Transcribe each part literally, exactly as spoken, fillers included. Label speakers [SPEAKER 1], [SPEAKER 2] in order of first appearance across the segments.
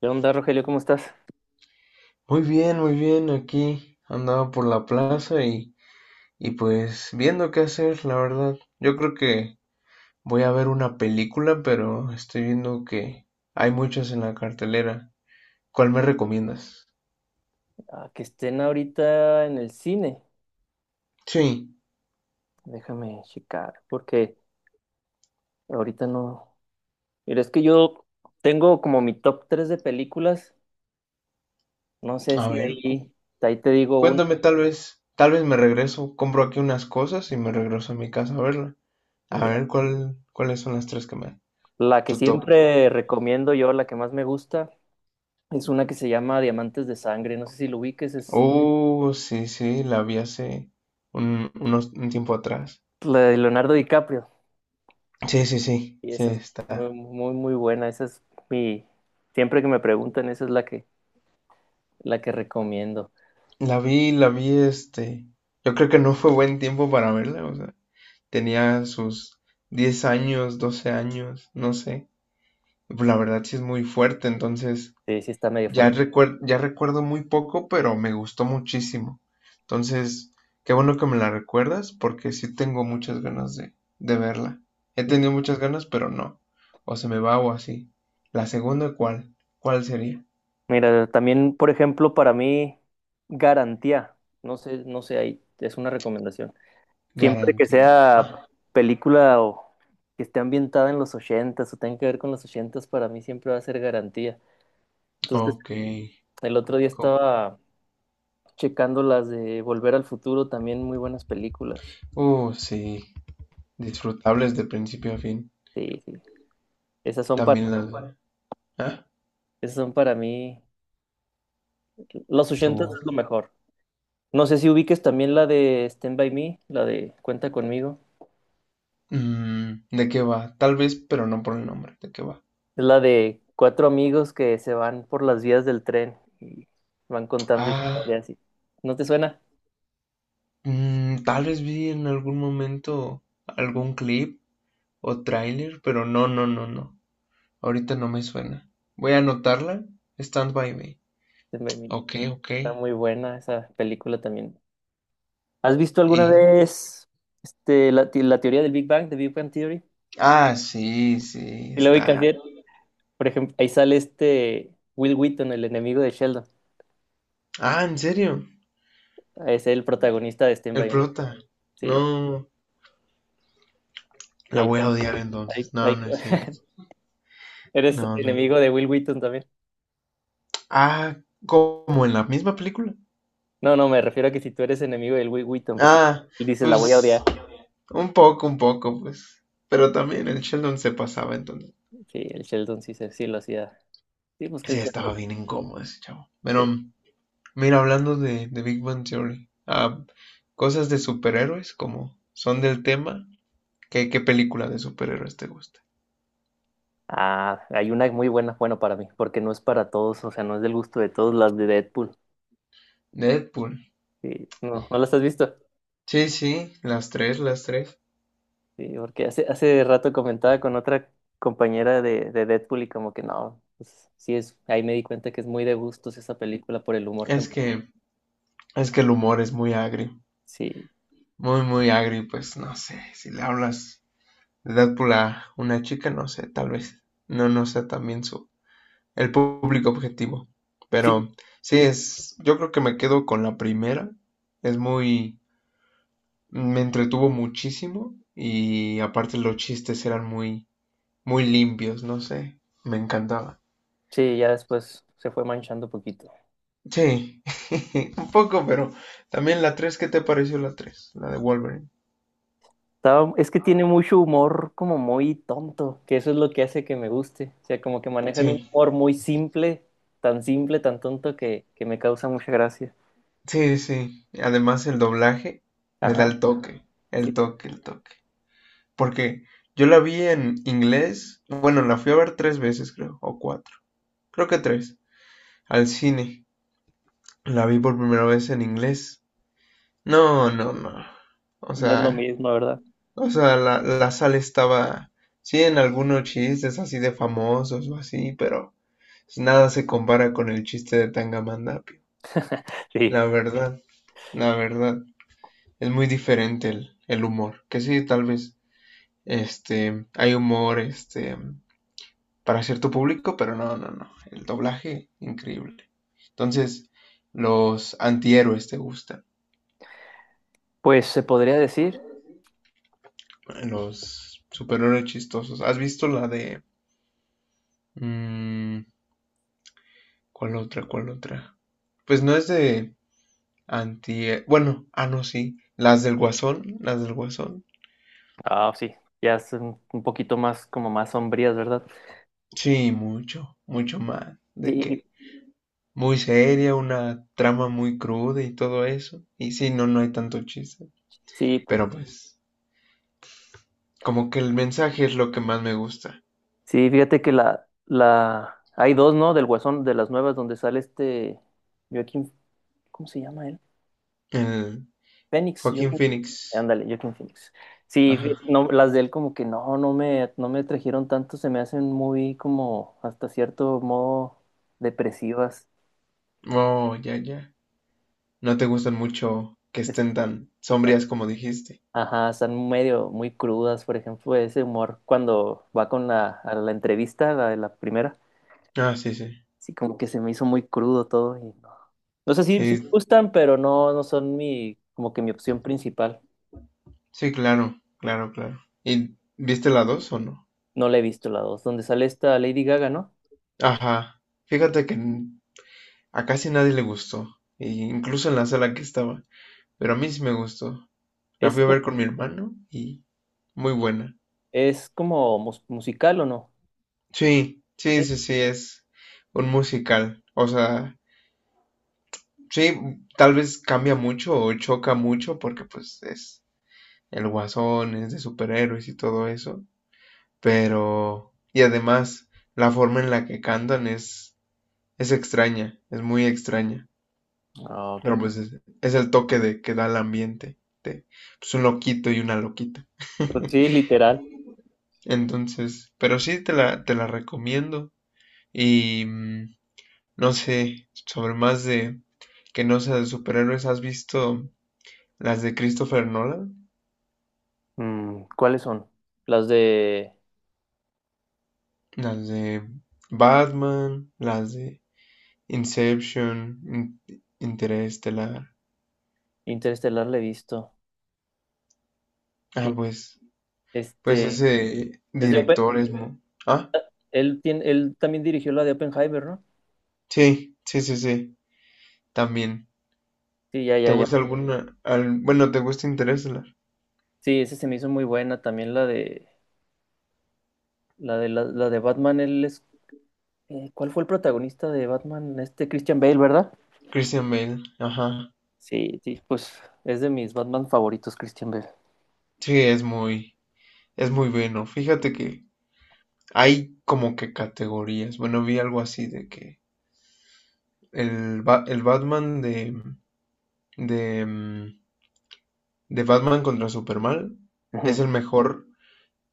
[SPEAKER 1] ¿Qué onda, Rogelio? ¿Cómo estás?
[SPEAKER 2] Muy bien, muy bien. Aquí andaba por la plaza y, y pues viendo qué hacer, la verdad. Yo creo que voy a ver una película, pero estoy viendo que hay muchas en la cartelera. ¿Cuál me recomiendas?
[SPEAKER 1] Ah, que estén ahorita en el cine.
[SPEAKER 2] Sí,
[SPEAKER 1] Déjame checar, porque ahorita no. Mira, es que yo tengo como mi top tres de películas. No sé
[SPEAKER 2] a
[SPEAKER 1] si
[SPEAKER 2] ver, cu-
[SPEAKER 1] ahí, ahí te digo una.
[SPEAKER 2] cuéntame tal vez, tal vez me regreso, compro aquí unas cosas y me regreso a mi casa a verla.
[SPEAKER 1] Y
[SPEAKER 2] A
[SPEAKER 1] mira,
[SPEAKER 2] ver, ¿cuál, ¿cuáles son las tres que me...
[SPEAKER 1] la que
[SPEAKER 2] Tu top.
[SPEAKER 1] siempre recomiendo yo, la que más me gusta, es una que se llama Diamantes de Sangre. No sé si lo ubiques, es
[SPEAKER 2] Oh, sí, sí, la vi hace un, unos, un tiempo atrás.
[SPEAKER 1] la de Leonardo DiCaprio.
[SPEAKER 2] Sí, sí, sí,
[SPEAKER 1] Y
[SPEAKER 2] sí,
[SPEAKER 1] esa es muy,
[SPEAKER 2] está.
[SPEAKER 1] muy, muy buena. Esa es mi. Siempre que me preguntan, esa es la que, la que recomiendo.
[SPEAKER 2] La vi, la vi, este, yo creo que no fue buen tiempo para verla, o sea, tenía sus diez años, doce años, no sé. La verdad sí es muy fuerte, entonces
[SPEAKER 1] Sí, sí está medio
[SPEAKER 2] ya
[SPEAKER 1] fuerte.
[SPEAKER 2] recuer- ya recuerdo muy poco, pero me gustó muchísimo. Entonces, qué bueno que me la recuerdas, porque sí tengo muchas ganas de, de verla. He tenido muchas ganas, pero no. O se me va o así. La segunda, ¿cuál? ¿Cuál sería?
[SPEAKER 1] Mira, también, por ejemplo, para mí, garantía. No sé, no sé, ahí es una recomendación. Siempre que
[SPEAKER 2] Garantía.
[SPEAKER 1] sea
[SPEAKER 2] Ah,
[SPEAKER 1] película o que esté ambientada en los ochentas o tenga que ver con los ochentas, para mí siempre va a ser garantía. Entonces,
[SPEAKER 2] ok.
[SPEAKER 1] el otro día
[SPEAKER 2] Co-
[SPEAKER 1] estaba checando las de Volver al Futuro, también muy buenas películas.
[SPEAKER 2] Uh, sí. Disfrutables de principio a fin.
[SPEAKER 1] Sí, sí. Esas son para,
[SPEAKER 2] También la... ¿Ah?
[SPEAKER 1] esas son para mí. Los
[SPEAKER 2] Tu...
[SPEAKER 1] ochentas es lo mejor. No sé si ubiques también la de Stand By Me, la de Cuenta conmigo.
[SPEAKER 2] Mm, ¿de qué va? Tal vez, pero no por el nombre. ¿De qué va?
[SPEAKER 1] Es la de cuatro amigos que se van por las vías del tren y van contando
[SPEAKER 2] Ah,
[SPEAKER 1] historias. y- ¿No te suena?
[SPEAKER 2] mm, tal vez vi en algún momento algún clip o tráiler, pero no, no, no, no. Ahorita no me suena. Voy a
[SPEAKER 1] Sí,
[SPEAKER 2] anotarla. Stand by me.
[SPEAKER 1] se me vino.
[SPEAKER 2] Ok, ok.
[SPEAKER 1] Está muy buena esa película también. ¿Has visto alguna
[SPEAKER 2] Y...
[SPEAKER 1] vez este, la, te- la teoría del Big Bang, de Big Bang Theory?
[SPEAKER 2] Ah, sí, sí,
[SPEAKER 1] Y luego hay
[SPEAKER 2] está.
[SPEAKER 1] que por ejemplo, ahí sale este Will Wheaton, el enemigo de Sheldon.
[SPEAKER 2] Ah, ¿en serio?
[SPEAKER 1] Es el protagonista de Stand
[SPEAKER 2] El
[SPEAKER 1] By Me.
[SPEAKER 2] prota. No,
[SPEAKER 1] Sí, y
[SPEAKER 2] la
[SPEAKER 1] ahí
[SPEAKER 2] voy a
[SPEAKER 1] com-
[SPEAKER 2] odiar entonces.
[SPEAKER 1] ahí-
[SPEAKER 2] No,
[SPEAKER 1] ahí-
[SPEAKER 2] no es cierto.
[SPEAKER 1] eres
[SPEAKER 2] No, no.
[SPEAKER 1] enemigo de Will Wheaton también.
[SPEAKER 2] Ah, como en la misma película.
[SPEAKER 1] No, no, me refiero a que si tú eres enemigo del Will Wheaton, porque
[SPEAKER 2] Ah,
[SPEAKER 1] él dice, la voy a
[SPEAKER 2] pues
[SPEAKER 1] odiar.
[SPEAKER 2] un poco, un poco, pues. Pero también el Sheldon se pasaba entonces.
[SPEAKER 1] Sí, el Sheldon sí, se- sí lo hacía. Sí, busqué
[SPEAKER 2] Sí,
[SPEAKER 1] el Sheldon.
[SPEAKER 2] estaba bien incómodo ese chavo. Pero,
[SPEAKER 1] Sí.
[SPEAKER 2] mira, hablando de, de Big Bang Theory, ah, cosas de superhéroes, como son del tema, ¿qué, ¿qué película de superhéroes te gusta?
[SPEAKER 1] Ah, hay una muy buena, bueno, para mí, porque no es para todos, o sea, no es del gusto de todos, las de Deadpool.
[SPEAKER 2] Deadpool.
[SPEAKER 1] Sí, no, ¿no las has visto?
[SPEAKER 2] Sí, sí, las tres, las tres.
[SPEAKER 1] Sí, porque hace, hace rato comentaba con otra compañera de, de Deadpool y como que no, pues sí es, ahí me di cuenta que es muy de gustos esa película por el humor que me...
[SPEAKER 2] Es que, es que el humor es muy agrio.
[SPEAKER 1] Sí,
[SPEAKER 2] Muy, muy agrio, pues no sé, si le hablas edad para una chica no sé, tal vez, no, no sea también su, el público objetivo.
[SPEAKER 1] sí,
[SPEAKER 2] Pero sí, es, yo creo que me quedo con la primera. Es muy, me entretuvo muchísimo y aparte los chistes eran muy, muy limpios, no sé, me encantaba.
[SPEAKER 1] sí, ya después se fue manchando poquito.
[SPEAKER 2] Sí, un poco, pero también la tres, ¿qué te pareció la tres? La de Wolverine.
[SPEAKER 1] Estaba- es que tiene mucho humor como muy tonto, que eso es lo que hace que me guste. O sea, como que manejan un
[SPEAKER 2] Sí,
[SPEAKER 1] humor muy simple, tan simple, tan tonto que, que me causa mucha gracia.
[SPEAKER 2] sí, sí. Además el doblaje le da
[SPEAKER 1] Ajá,
[SPEAKER 2] el toque, el
[SPEAKER 1] sí,
[SPEAKER 2] toque, el toque. Porque yo la vi en inglés, bueno, la fui a ver tres veces, creo, o cuatro, creo que tres, al cine. La vi por primera vez en inglés. No, no, no. O
[SPEAKER 1] no es lo
[SPEAKER 2] sea,
[SPEAKER 1] mismo, ¿verdad?
[SPEAKER 2] o sea, la, la sala estaba, sí, en algunos chistes así de famosos o así, pero nada se compara con el chiste de Tangamandapio.
[SPEAKER 1] Sí,
[SPEAKER 2] La verdad, la verdad, es muy diferente el, el humor. Que sí, tal vez, este, hay humor, este, para cierto público, pero no, no, no. El doblaje, increíble. Entonces, los antihéroes te gustan.
[SPEAKER 1] pues se podría decir.
[SPEAKER 2] Los superhéroes chistosos. ¿Has visto la de... mm, ¿cuál otra? ¿Cuál otra? Pues no es de anti... Bueno, ah, no, sí. Las del Guasón, las del Guasón.
[SPEAKER 1] Ah, sí, ya son un poquito más como más sombrías, ¿verdad?
[SPEAKER 2] Sí, mucho, mucho más. De
[SPEAKER 1] Sí,
[SPEAKER 2] que muy seria, una trama muy cruda y todo eso. Y sí, no, no hay tanto chiste.
[SPEAKER 1] sí, po-
[SPEAKER 2] Pero pues, como que el mensaje es lo que más me gusta.
[SPEAKER 1] sí, fíjate que la, la, hay dos, ¿no? Del Guasón, de las nuevas, donde sale este Joaquín, ¿cómo se llama él?
[SPEAKER 2] El
[SPEAKER 1] Phoenix,
[SPEAKER 2] Joaquin
[SPEAKER 1] Joaquin.
[SPEAKER 2] Phoenix.
[SPEAKER 1] Ándale, Joaquin Phoenix. Sí,
[SPEAKER 2] Ajá.
[SPEAKER 1] fíjate, no, las de él como que no, no me, no me trajeron tanto, se me hacen muy como hasta cierto modo depresivas.
[SPEAKER 2] Oh, ya, ya. No te gustan mucho que
[SPEAKER 1] Es-
[SPEAKER 2] estén tan sombrías como dijiste.
[SPEAKER 1] ajá, están medio muy crudas, por ejemplo, ese humor cuando va con la, a la entrevista, la de la primera,
[SPEAKER 2] Ah, sí, sí.
[SPEAKER 1] sí como que se me hizo muy crudo todo y no. No sé si sí, sí me
[SPEAKER 2] Sí,
[SPEAKER 1] gustan, pero no, no son mi, como que mi opción principal.
[SPEAKER 2] sí, claro, claro, claro. ¿Y viste la dos o no?
[SPEAKER 1] No la he visto la dos, donde sale esta Lady Gaga, ¿no?
[SPEAKER 2] Ajá.
[SPEAKER 1] Sí.
[SPEAKER 2] Fíjate que n- a casi nadie le gustó, e incluso en la sala que estaba, pero a mí sí me gustó. La
[SPEAKER 1] Es,
[SPEAKER 2] fui a ver con mi hermano y muy buena.
[SPEAKER 1] ¿es como mus- musical o no?
[SPEAKER 2] Sí, sí,
[SPEAKER 1] Sí.
[SPEAKER 2] sí, sí, es un musical. O sea, sí, tal vez cambia mucho o choca mucho porque pues es el guasón, es de superhéroes y todo eso, pero... Y además, la forma en la que cantan es, es extraña, es muy extraña,
[SPEAKER 1] Ah, ok.
[SPEAKER 2] pero pues es, es el toque de que da el ambiente, de pues, un loquito y una loquita.
[SPEAKER 1] Pues sí, literal.
[SPEAKER 2] Entonces, pero sí te la, te la recomiendo y mm, no sé, sobre más de que no sea de superhéroes, ¿has visto las de Christopher Nolan?
[SPEAKER 1] Mm, ¿cuáles son? Las de
[SPEAKER 2] Las de Batman, las de Inception, In- Interestelar.
[SPEAKER 1] Interestelar la he visto.
[SPEAKER 2] Ah,
[SPEAKER 1] Sí,
[SPEAKER 2] pues, pues
[SPEAKER 1] este,
[SPEAKER 2] ese
[SPEAKER 1] es de Open-
[SPEAKER 2] director es muy... Ah,
[SPEAKER 1] él tiene, él también dirigió la de Oppenheimer, ¿no?
[SPEAKER 2] sí, sí, sí, sí, también.
[SPEAKER 1] Sí, ya,
[SPEAKER 2] ¿Te
[SPEAKER 1] ya, ya.
[SPEAKER 2] gusta alguna? al- Bueno, ¿te gusta Interestelar?
[SPEAKER 1] Sí, esa se me hizo muy buena. También la de, la de, la, la de Batman, él es, eh, ¿cuál fue el protagonista de Batman? Este Christian Bale, ¿verdad?
[SPEAKER 2] Christian Bale, ajá.
[SPEAKER 1] Sí, sí, pues es de mis Batman favoritos, Christian Bale.
[SPEAKER 2] Sí, es muy, es muy bueno. Fíjate que hay como que categorías. Bueno, vi algo así de que el, Ba- el Batman de, de, mm, de Batman contra Superman es
[SPEAKER 1] Ujú.
[SPEAKER 2] el mejor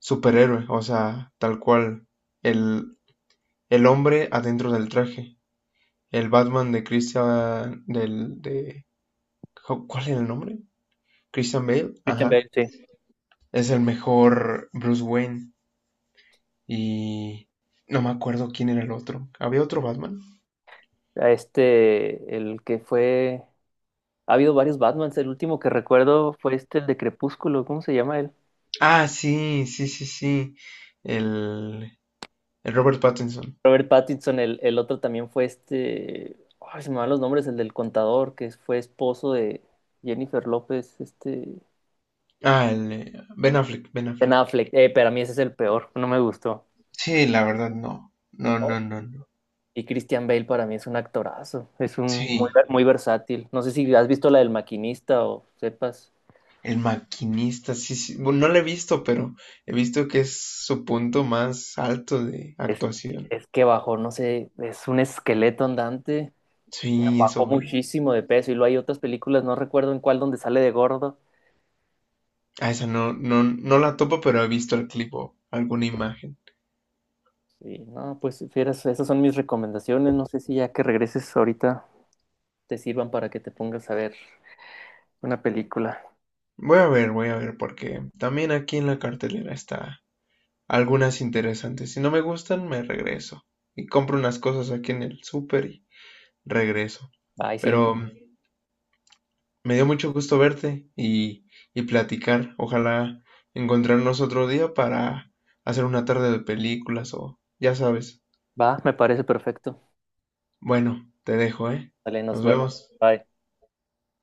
[SPEAKER 2] superhéroe, o sea, tal cual, el, el hombre adentro del traje. El Batman de Christian, del, de, ¿cuál era el nombre? Christian Bale,
[SPEAKER 1] Christian
[SPEAKER 2] ajá.
[SPEAKER 1] Bale, sí.
[SPEAKER 2] Es el mejor Bruce Wayne y no me acuerdo quién era el otro. ¿Había otro Batman?
[SPEAKER 1] A este, el que fue. Ha habido varios Batmans. El último que recuerdo fue este, el de Crepúsculo. ¿Cómo se llama él?
[SPEAKER 2] Ah, sí, sí, sí, sí. El, el Robert Pattinson.
[SPEAKER 1] Robert Pattinson. El, el otro también fue este. Ay, se me van los nombres. El del contador, que fue esposo de Jennifer López. Este.
[SPEAKER 2] Ah, el eh, Ben Affleck, Ben
[SPEAKER 1] Ben
[SPEAKER 2] Affleck.
[SPEAKER 1] Affleck. Eh, para mí ese es el peor. No me gustó.
[SPEAKER 2] Sí, la verdad no. No,
[SPEAKER 1] Oh,
[SPEAKER 2] no, no, no.
[SPEAKER 1] y Christian Bale para mí es un actorazo. Es un muy,
[SPEAKER 2] Sí,
[SPEAKER 1] muy versátil. No sé si has visto la del maquinista o sepas.
[SPEAKER 2] el maquinista, sí, sí. Bueno, no lo he visto, pero he visto que es su punto más alto de
[SPEAKER 1] Es,
[SPEAKER 2] actuación.
[SPEAKER 1] es que bajo, no sé, es un esqueleto andante.
[SPEAKER 2] Sí, eso
[SPEAKER 1] Bajó
[SPEAKER 2] vi.
[SPEAKER 1] muchísimo de peso y luego hay otras películas, no recuerdo en cuál, donde sale de gordo.
[SPEAKER 2] Ah, esa no, no, no la topo, pero he visto el clip o alguna imagen.
[SPEAKER 1] Y no, pues fieras, esas son mis recomendaciones. No sé si ya que regreses ahorita te sirvan para que te pongas a ver una película.
[SPEAKER 2] Voy a ver, voy a ver, porque también aquí en la cartelera está algunas interesantes. Si no me gustan, me regreso. Y compro unas cosas aquí en el súper y regreso.
[SPEAKER 1] Bye, sí,
[SPEAKER 2] Pero me dio mucho gusto verte y, y platicar. Ojalá encontrarnos otro día para hacer una tarde de películas o ya sabes.
[SPEAKER 1] va, me parece perfecto.
[SPEAKER 2] Bueno, te dejo, ¿eh?
[SPEAKER 1] Vale, nos
[SPEAKER 2] Nos
[SPEAKER 1] vemos.
[SPEAKER 2] vemos.
[SPEAKER 1] Bye.